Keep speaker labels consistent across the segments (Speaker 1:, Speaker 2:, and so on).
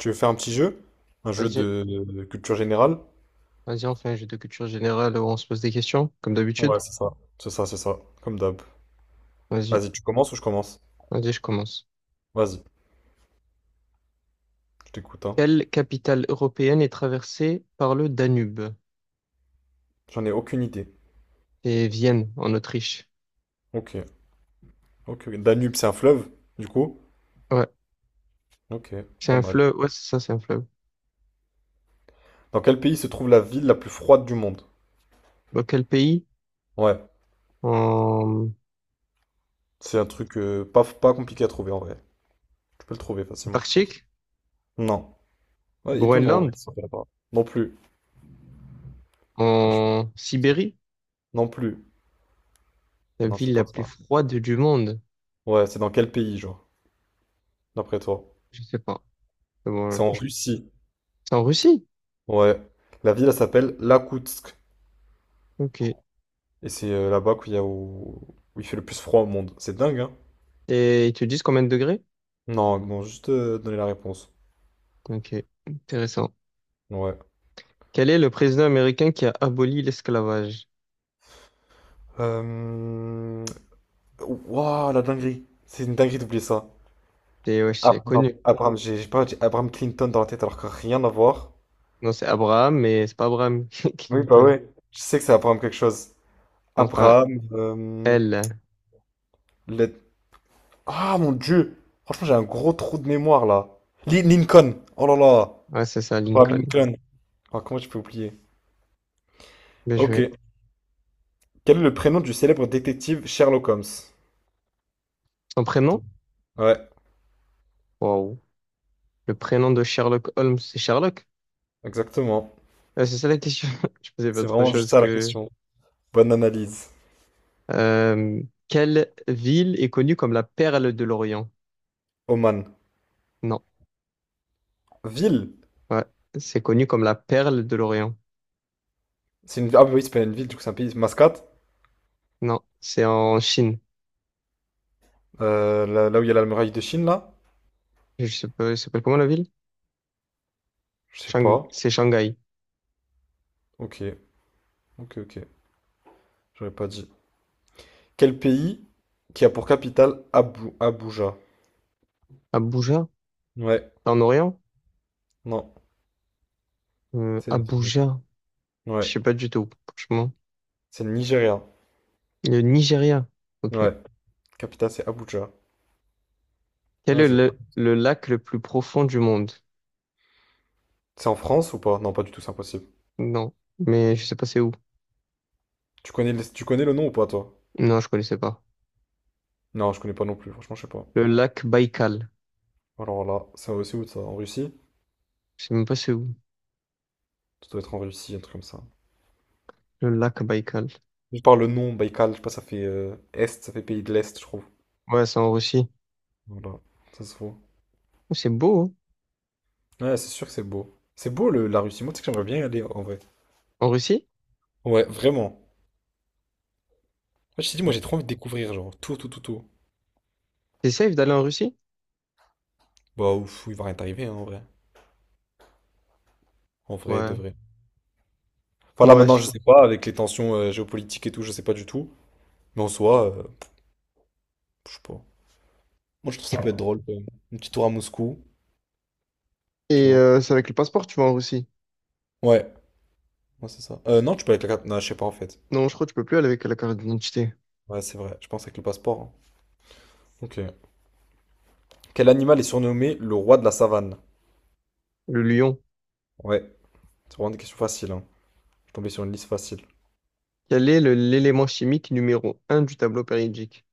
Speaker 1: Tu veux faire un petit jeu? Un jeu
Speaker 2: Vas-y,
Speaker 1: de culture générale?
Speaker 2: vas-y, on fait un jeu de culture générale où on se pose des questions, comme d'habitude.
Speaker 1: Ouais, c'est ça. C'est ça, c'est ça. Comme d'hab.
Speaker 2: Vas-y,
Speaker 1: Vas-y, tu commences ou je commence?
Speaker 2: vas-y, je commence.
Speaker 1: Vas-y, je t'écoute, hein.
Speaker 2: Quelle capitale européenne est traversée par le Danube?
Speaker 1: J'en ai aucune idée.
Speaker 2: C'est Vienne, en Autriche.
Speaker 1: Ok, ok. Ok. Danube, c'est un fleuve, du coup?
Speaker 2: Ouais,
Speaker 1: Ok,
Speaker 2: c'est
Speaker 1: pas
Speaker 2: un
Speaker 1: mal.
Speaker 2: fleuve. Ouais, c'est ça, c'est un fleuve.
Speaker 1: Dans quel pays se trouve la ville la plus froide du monde?
Speaker 2: Dans quel pays?
Speaker 1: Ouais,
Speaker 2: En
Speaker 1: c'est un truc pas compliqué à trouver en vrai. Tu peux le trouver facilement, je pense.
Speaker 2: Antarctique?
Speaker 1: Non. Ouais, étonnant en vrai que
Speaker 2: Groenland?
Speaker 1: ça soit là-bas. Non plus, franchement.
Speaker 2: En Sibérie?
Speaker 1: Non plus.
Speaker 2: La
Speaker 1: Non,
Speaker 2: ville
Speaker 1: c'est
Speaker 2: la
Speaker 1: pas
Speaker 2: plus
Speaker 1: ça.
Speaker 2: froide du monde?
Speaker 1: Ouais, c'est dans quel pays, genre, d'après toi?
Speaker 2: Je sais pas. C'est bon,
Speaker 1: C'est en
Speaker 2: franchement,
Speaker 1: Russie.
Speaker 2: c'est en Russie?
Speaker 1: Ouais. La ville, elle s'appelle Iakoutsk.
Speaker 2: Ok.
Speaker 1: Et c'est là-bas qu'il y a où il fait le plus froid au monde. C'est dingue, hein?
Speaker 2: Et ils te disent combien de degrés?
Speaker 1: Non, non, juste donner la réponse.
Speaker 2: Ok, intéressant.
Speaker 1: Ouais.
Speaker 2: Quel est le président américain qui a aboli l'esclavage?
Speaker 1: Euh... Waouh, la dinguerie. C'est une dinguerie d'oublier ça.
Speaker 2: C'est ouais,
Speaker 1: Ah,
Speaker 2: c'est
Speaker 1: non,
Speaker 2: connu.
Speaker 1: Abraham, j'ai pas, j'ai Abraham Clinton dans la tête alors que rien à voir.
Speaker 2: Non, c'est Abraham, mais c'est pas Abraham
Speaker 1: Oui, bah
Speaker 2: Clinton.
Speaker 1: ouais. Je sais que c'est Abraham quelque chose.
Speaker 2: On commence par un
Speaker 1: Abraham,
Speaker 2: L.
Speaker 1: le- Ah, mon Dieu! Franchement, j'ai un gros trou de mémoire, là. Lincoln! Oh là là!
Speaker 2: Ouais, c'est ça,
Speaker 1: Abraham
Speaker 2: Lincoln.
Speaker 1: Lincoln. Ah, comment je peux oublier?
Speaker 2: Bien
Speaker 1: Ok.
Speaker 2: joué.
Speaker 1: Quel est le prénom du célèbre détective Sherlock Holmes?
Speaker 2: Son prénom?
Speaker 1: Attends. Ouais,
Speaker 2: Wow. Le prénom de Sherlock Holmes, c'est Sherlock?
Speaker 1: exactement.
Speaker 2: Ouais, c'est ça la question. Je pensais pas
Speaker 1: C'est
Speaker 2: autre
Speaker 1: vraiment juste
Speaker 2: chose
Speaker 1: ça la
Speaker 2: que...
Speaker 1: question. Bonne analyse.
Speaker 2: euh, quelle ville est connue comme la perle de l'Orient?
Speaker 1: Oman.
Speaker 2: Non.
Speaker 1: Ville.
Speaker 2: Ouais, c'est connu comme la perle de l'Orient.
Speaker 1: Ah bah oui, c'est pas une ville, du coup c'est un pays. Mascate.
Speaker 2: Non, c'est en Chine.
Speaker 1: Là où il y a la muraille de Chine, là?
Speaker 2: Je sais pas, ça s'appelle comment la ville?
Speaker 1: Je sais pas.
Speaker 2: C'est Shanghai.
Speaker 1: Ok, ok, ok. J'aurais pas dit. Quel pays qui a pour capitale Abuja?
Speaker 2: Abuja?
Speaker 1: Ouais,
Speaker 2: En Orient?
Speaker 1: non. C'est...
Speaker 2: Abuja?
Speaker 1: Ouais.
Speaker 2: Je sais pas du tout, franchement.
Speaker 1: C'est le Nigeria.
Speaker 2: Le Nigeria. Ok.
Speaker 1: Ouais. Capitale c'est Abuja.
Speaker 2: Quel est
Speaker 1: Vas-y.
Speaker 2: le lac le plus profond du monde?
Speaker 1: C'est en France ou pas? Non, pas du tout, c'est impossible.
Speaker 2: Non. Mais je sais pas c'est où.
Speaker 1: Tu connais, tu connais le nom ou pas, toi?
Speaker 2: Non, je connaissais pas.
Speaker 1: Non, je connais pas non plus, franchement, je sais pas.
Speaker 2: Le lac Baïkal.
Speaker 1: Alors là, ça aussi où ça? En Russie?
Speaker 2: Je sais même pas c'est où.
Speaker 1: Ça doit être en Russie, un truc comme ça.
Speaker 2: Le lac Baïkal.
Speaker 1: Je parle le nom, Baïkal, je sais pas, ça fait Est, ça fait pays de l'Est, je trouve.
Speaker 2: Ouais, c'est en Russie.
Speaker 1: Voilà, ça se voit.
Speaker 2: Oh, c'est beau, hein?
Speaker 1: Ouais, c'est sûr que c'est beau. C'est beau la Russie, moi tu sais que j'aimerais bien y aller en vrai.
Speaker 2: En Russie?
Speaker 1: Ouais, vraiment. Moi, je t'ai dit, moi j'ai trop envie de découvrir, genre, tout, tout, tout, tout.
Speaker 2: C'est safe d'aller en Russie?
Speaker 1: Bah ouf, il va rien t'arriver hein, en vrai. En vrai, de
Speaker 2: Ouais.
Speaker 1: vrai. Enfin là
Speaker 2: Ouais.
Speaker 1: maintenant, je sais pas, avec les tensions géopolitiques et tout, je sais pas du tout. Mais en soi, je sais pas. Moi je trouve ça peut être drôle quand même. Un petit tour à Moscou, tu
Speaker 2: Et
Speaker 1: vois.
Speaker 2: c'est avec le passeport, tu vas en Russie.
Speaker 1: Ouais. Ouais, c'est ça. Non, tu peux avec la carte. Non, je sais pas en fait.
Speaker 2: Non, je crois que tu peux plus aller avec la carte d'identité.
Speaker 1: Ouais, c'est vrai. Je pense avec le passeport. Hein. Ok. Quel animal est surnommé le roi de la savane?
Speaker 2: Le lion.
Speaker 1: Ouais, c'est vraiment des questions faciles. Hein. Je suis tombé sur une liste facile.
Speaker 2: Quel est l'élément chimique numéro un du tableau périodique?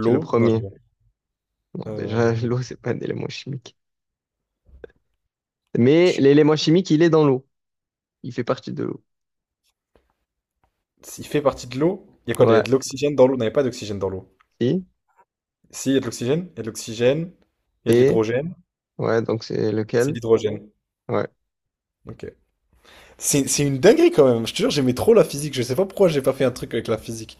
Speaker 2: C'est le
Speaker 1: Non, je
Speaker 2: premier.
Speaker 1: rigole.
Speaker 2: Non,
Speaker 1: Euh,
Speaker 2: déjà, l'eau, c'est pas un élément chimique. Mais
Speaker 1: je-
Speaker 2: l'élément chimique, il est dans l'eau. Il fait partie de l'eau.
Speaker 1: Il fait partie de l'eau? Il y a quoi? Il y a
Speaker 2: Ouais.
Speaker 1: de l'oxygène dans l'eau? Non, il n'y a pas d'oxygène dans l'eau.
Speaker 2: Si.
Speaker 1: Si, il y a de l'oxygène. Il y a de l'oxygène. Il y a de
Speaker 2: Et.
Speaker 1: l'hydrogène.
Speaker 2: Ouais, donc c'est
Speaker 1: C'est
Speaker 2: lequel?
Speaker 1: l'hydrogène.
Speaker 2: Ouais.
Speaker 1: Ok. C'est une dinguerie quand même. Je te jure, j'aimais trop la physique. Je sais pas pourquoi j'ai pas fait un truc avec la physique.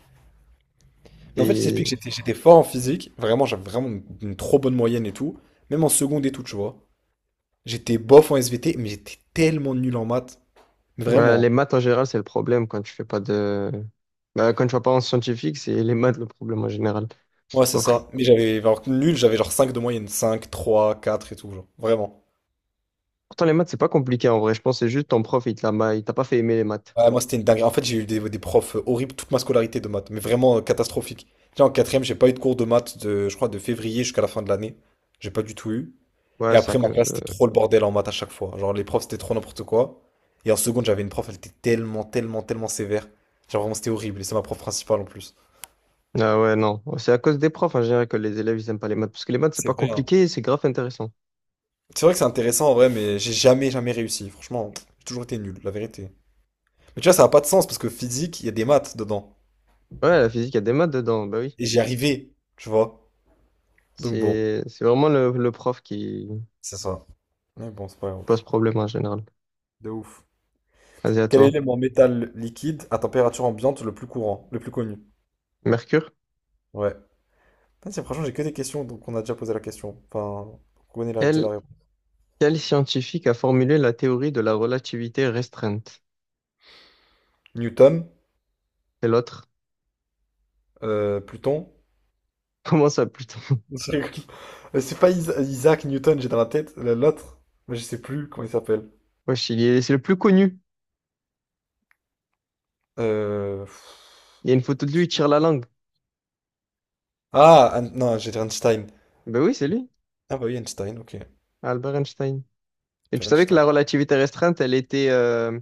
Speaker 1: Mais en fait, je t'explique,
Speaker 2: Et.
Speaker 1: j'étais fort en physique. Vraiment, j'avais vraiment une trop bonne moyenne et tout. Même en seconde et tout, tu vois. J'étais bof en SVT, mais j'étais tellement nul en maths.
Speaker 2: Ouais, les
Speaker 1: Vraiment.
Speaker 2: maths en général, c'est le problème quand tu fais pas de. Bah, quand tu vas pas en scientifique, c'est les maths le problème en général.
Speaker 1: Ouais, c'est
Speaker 2: Après,
Speaker 1: ça. Mais j'avais, alors que nul, j'avais genre 5 de moyenne. Cinq 3 4 et tout, genre. Vraiment.
Speaker 2: pourtant, les maths, c'est pas compliqué en vrai. Je pense que c'est juste ton prof, il te l'a ma- il t'a pas fait aimer les maths.
Speaker 1: Ouais, moi, c'était une dinguerie. En fait, j'ai eu des profs horribles toute ma scolarité de maths. Mais vraiment catastrophique. Tu sais, en quatrième, j'ai pas eu de cours de maths de, je crois, de février jusqu'à la fin de l'année. J'ai pas du tout eu. Et
Speaker 2: Ouais, c'est à
Speaker 1: après, ma
Speaker 2: cause.
Speaker 1: classe, c'était trop le bordel en maths à chaque fois. Genre, les profs, c'était trop n'importe quoi. Et en seconde, j'avais une prof, elle était tellement, tellement, tellement sévère. Genre, vraiment, c'était horrible. Et c'est ma prof principale en plus.
Speaker 2: Ah ouais, non. C'est à cause des profs en général que les élèves, ils aiment pas les maths. Parce que les maths, c'est
Speaker 1: C'est
Speaker 2: pas
Speaker 1: vrai. Voilà.
Speaker 2: compliqué, et c'est grave intéressant.
Speaker 1: C'est vrai que c'est intéressant en vrai, mais j'ai jamais, jamais réussi. Franchement, j'ai toujours été nul, la vérité. Mais tu vois, ça n'a pas de sens parce que physique, il y a des maths dedans.
Speaker 2: Ouais, la physique, il y a des maths dedans. Bah oui.
Speaker 1: Et j'y arrivais, tu vois. Donc bon,
Speaker 2: C'est vraiment le prof qui
Speaker 1: c'est ça. Mais bon, c'est pas grave.
Speaker 2: pose problème en général.
Speaker 1: De ouf.
Speaker 2: Vas-y, à
Speaker 1: Quel est
Speaker 2: toi.
Speaker 1: l'élément métal liquide à température ambiante le plus courant, le plus connu?
Speaker 2: Mercure?
Speaker 1: Ouais. Ah, franchement, j'ai que des questions, donc on a déjà posé la question. Enfin, on connaît la, déjà
Speaker 2: Quel
Speaker 1: la réponse.
Speaker 2: Quel scientifique a formulé la théorie de la relativité restreinte?
Speaker 1: Newton,
Speaker 2: C'est l'autre.
Speaker 1: Pluton.
Speaker 2: Comment ça, plutôt?
Speaker 1: Je rigole. C'est pas Isaac Newton, j'ai dans la tête l'autre, mais je sais plus comment il s'appelle.
Speaker 2: Wesh, il est- c'est le plus connu.
Speaker 1: Euh,
Speaker 2: Il y a une photo de lui, il tire la langue.
Speaker 1: Ah, non, j'ai dit Einstein.
Speaker 2: Ben oui, c'est lui,
Speaker 1: Ah bah oui, Einstein, ok.
Speaker 2: Albert Einstein. Et tu
Speaker 1: Faire
Speaker 2: savais que
Speaker 1: Einstein.
Speaker 2: la relativité restreinte, elle était,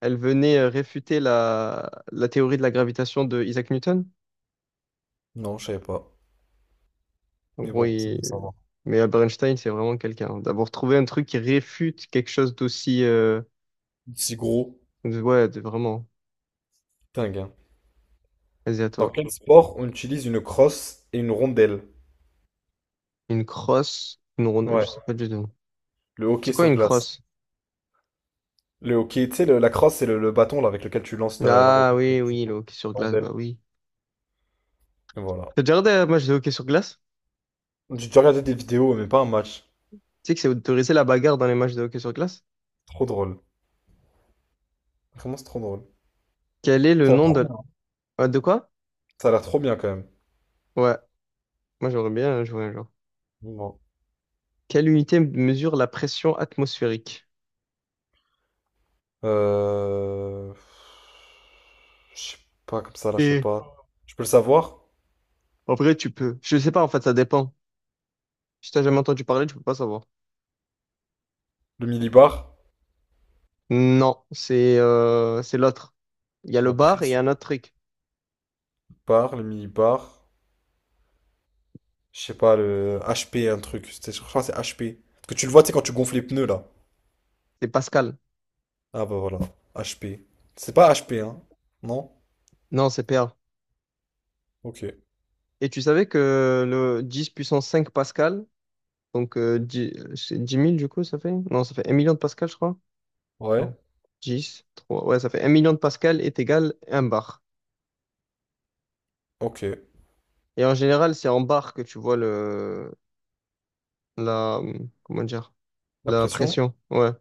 Speaker 2: elle venait réfuter la théorie de la gravitation de Isaac Newton?
Speaker 1: Non, je savais pas.
Speaker 2: En
Speaker 1: Mais
Speaker 2: gros,
Speaker 1: bon, c'est bon, ça
Speaker 2: il-
Speaker 1: va.
Speaker 2: mais Albert Einstein, c'est vraiment quelqu'un. D'avoir trouvé un truc qui réfute quelque chose d'aussi,
Speaker 1: Si gros,
Speaker 2: ouais, vraiment.
Speaker 1: dingue. Hein.
Speaker 2: Vas-y, à
Speaker 1: Dans
Speaker 2: toi.
Speaker 1: quel sport on utilise une crosse et une rondelle?
Speaker 2: Une crosse, une ronde, je
Speaker 1: Ouais,
Speaker 2: sais pas du tout.
Speaker 1: le
Speaker 2: C'est
Speaker 1: hockey
Speaker 2: quoi
Speaker 1: sur
Speaker 2: une
Speaker 1: glace.
Speaker 2: crosse?
Speaker 1: Le hockey, tu sais, la crosse, c'est le bâton là, avec lequel tu lances la
Speaker 2: Ah
Speaker 1: roquette,
Speaker 2: oui, oui, le hockey sur
Speaker 1: la
Speaker 2: glace,
Speaker 1: rondelle.
Speaker 2: bah oui.
Speaker 1: Voilà.
Speaker 2: T'as déjà regardé un match de hockey sur glace?
Speaker 1: J'ai déjà regardé des vidéos, mais pas un match.
Speaker 2: Tu sais que c'est autorisé la bagarre dans les matchs de hockey sur glace?
Speaker 1: Trop drôle. Vraiment, c'est trop drôle.
Speaker 2: Quel est le
Speaker 1: Ça a l'air
Speaker 2: nom
Speaker 1: trop
Speaker 2: de...
Speaker 1: bien.
Speaker 2: Ah, de quoi?
Speaker 1: Ça a l'air trop bien quand même.
Speaker 2: Ouais, moi j'aimerais bien jouer un jour.
Speaker 1: Bon.
Speaker 2: Quelle unité mesure la pression atmosphérique?
Speaker 1: Euh... Je sais pas, comme ça là, je sais
Speaker 2: Et
Speaker 1: pas. Je peux le savoir?
Speaker 2: en vrai, tu peux. Je sais pas, en fait, ça dépend. Si t'as jamais entendu parler, tu peux pas savoir.
Speaker 1: Le millibar?
Speaker 2: Non, c'est l'autre. Il y a le
Speaker 1: La
Speaker 2: bar et il y a
Speaker 1: pression
Speaker 2: un autre truc.
Speaker 1: par, le millibar. Je sais pas, le HP, un truc. Je crois que c'est HP. Parce que tu le vois, tu sais, quand tu gonfles les pneus là.
Speaker 2: C'est Pascal.
Speaker 1: Ah bah voilà. HP. C'est pas HP, hein? Non?
Speaker 2: Non, c'est PA.
Speaker 1: Ok.
Speaker 2: Et tu savais que le 10 puissance 5 Pascal, donc, c'est 10 000 du coup, ça fait? Non, ça fait 1 million de pascal, je crois.
Speaker 1: Ouais.
Speaker 2: Non. Dix trois, ouais, ça fait un million de pascal est égal à un bar.
Speaker 1: Ok.
Speaker 2: Et en général, c'est en bar que tu vois le, la, comment dire,
Speaker 1: La
Speaker 2: la
Speaker 1: pression?
Speaker 2: pression. Ouais.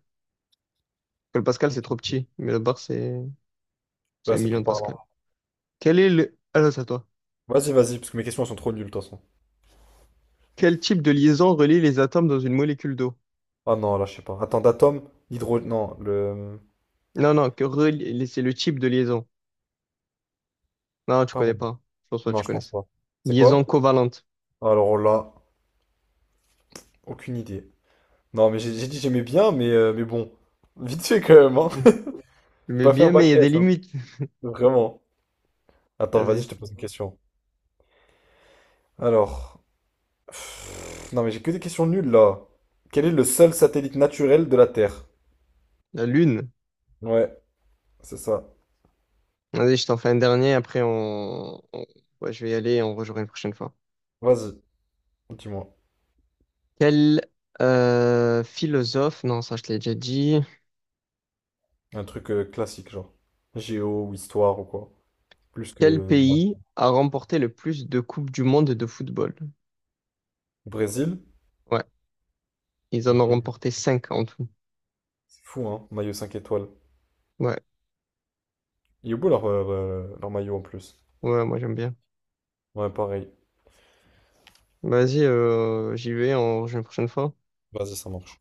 Speaker 2: Que le pascal, c'est trop petit, mais le bar, c'est
Speaker 1: Là,
Speaker 2: 1
Speaker 1: c'est
Speaker 2: million
Speaker 1: plus
Speaker 2: de
Speaker 1: parlant.
Speaker 2: pascal. Quel est le, alors, c'est à toi.
Speaker 1: Vas-y, vas-y, parce que mes questions elles sont trop nulles de toute façon.
Speaker 2: Quel type de liaison relie les atomes dans une molécule d'eau?
Speaker 1: Ah non, là, je sais pas. Attends, d'atome, Non.
Speaker 2: Non, non, c'est le type de liaison. Non, tu
Speaker 1: Pas
Speaker 2: connais
Speaker 1: moi.
Speaker 2: pas. Je pense pas que
Speaker 1: Non,
Speaker 2: tu
Speaker 1: je pense
Speaker 2: connaisses.
Speaker 1: pas. C'est
Speaker 2: Liaison
Speaker 1: quoi?
Speaker 2: covalente.
Speaker 1: Alors là, aucune idée. Non, mais j'ai dit j'aimais bien, mais bon. Vite fait quand même, hein.
Speaker 2: Mhm.
Speaker 1: J'ai
Speaker 2: Mais
Speaker 1: pas fait
Speaker 2: bien,
Speaker 1: un
Speaker 2: mais il
Speaker 1: bac
Speaker 2: y a des
Speaker 1: S, hein.
Speaker 2: limites.
Speaker 1: Vraiment. Attends, vas-y,
Speaker 2: Vas-y.
Speaker 1: je te pose une question. Alors, non, mais j'ai que des questions nulles, là. Quel est le seul satellite naturel de la Terre?
Speaker 2: La lune.
Speaker 1: Ouais, c'est ça.
Speaker 2: Vas-y, je t'en fais un dernier, après ouais, je vais y aller et on rejouera une prochaine fois.
Speaker 1: Vas-y, dis-moi.
Speaker 2: Quel philosophe, non, ça je te l'ai déjà dit.
Speaker 1: Un truc classique, genre. Géo ou histoire ou quoi. Plus
Speaker 2: Quel
Speaker 1: que...
Speaker 2: pays a remporté le plus de coupes du monde de football?
Speaker 1: Brésil?
Speaker 2: Ouais, ils en
Speaker 1: Hé,
Speaker 2: ont
Speaker 1: hé.
Speaker 2: remporté 5 en tout.
Speaker 1: C'est fou, hein, maillot 5 étoiles.
Speaker 2: Ouais,
Speaker 1: Il est beau leur maillot en plus.
Speaker 2: ouais, moi j'aime bien.
Speaker 1: Ouais, pareil.
Speaker 2: Vas-y, j'y vais, on rejoue une prochaine fois.
Speaker 1: Vas-y, ça marche.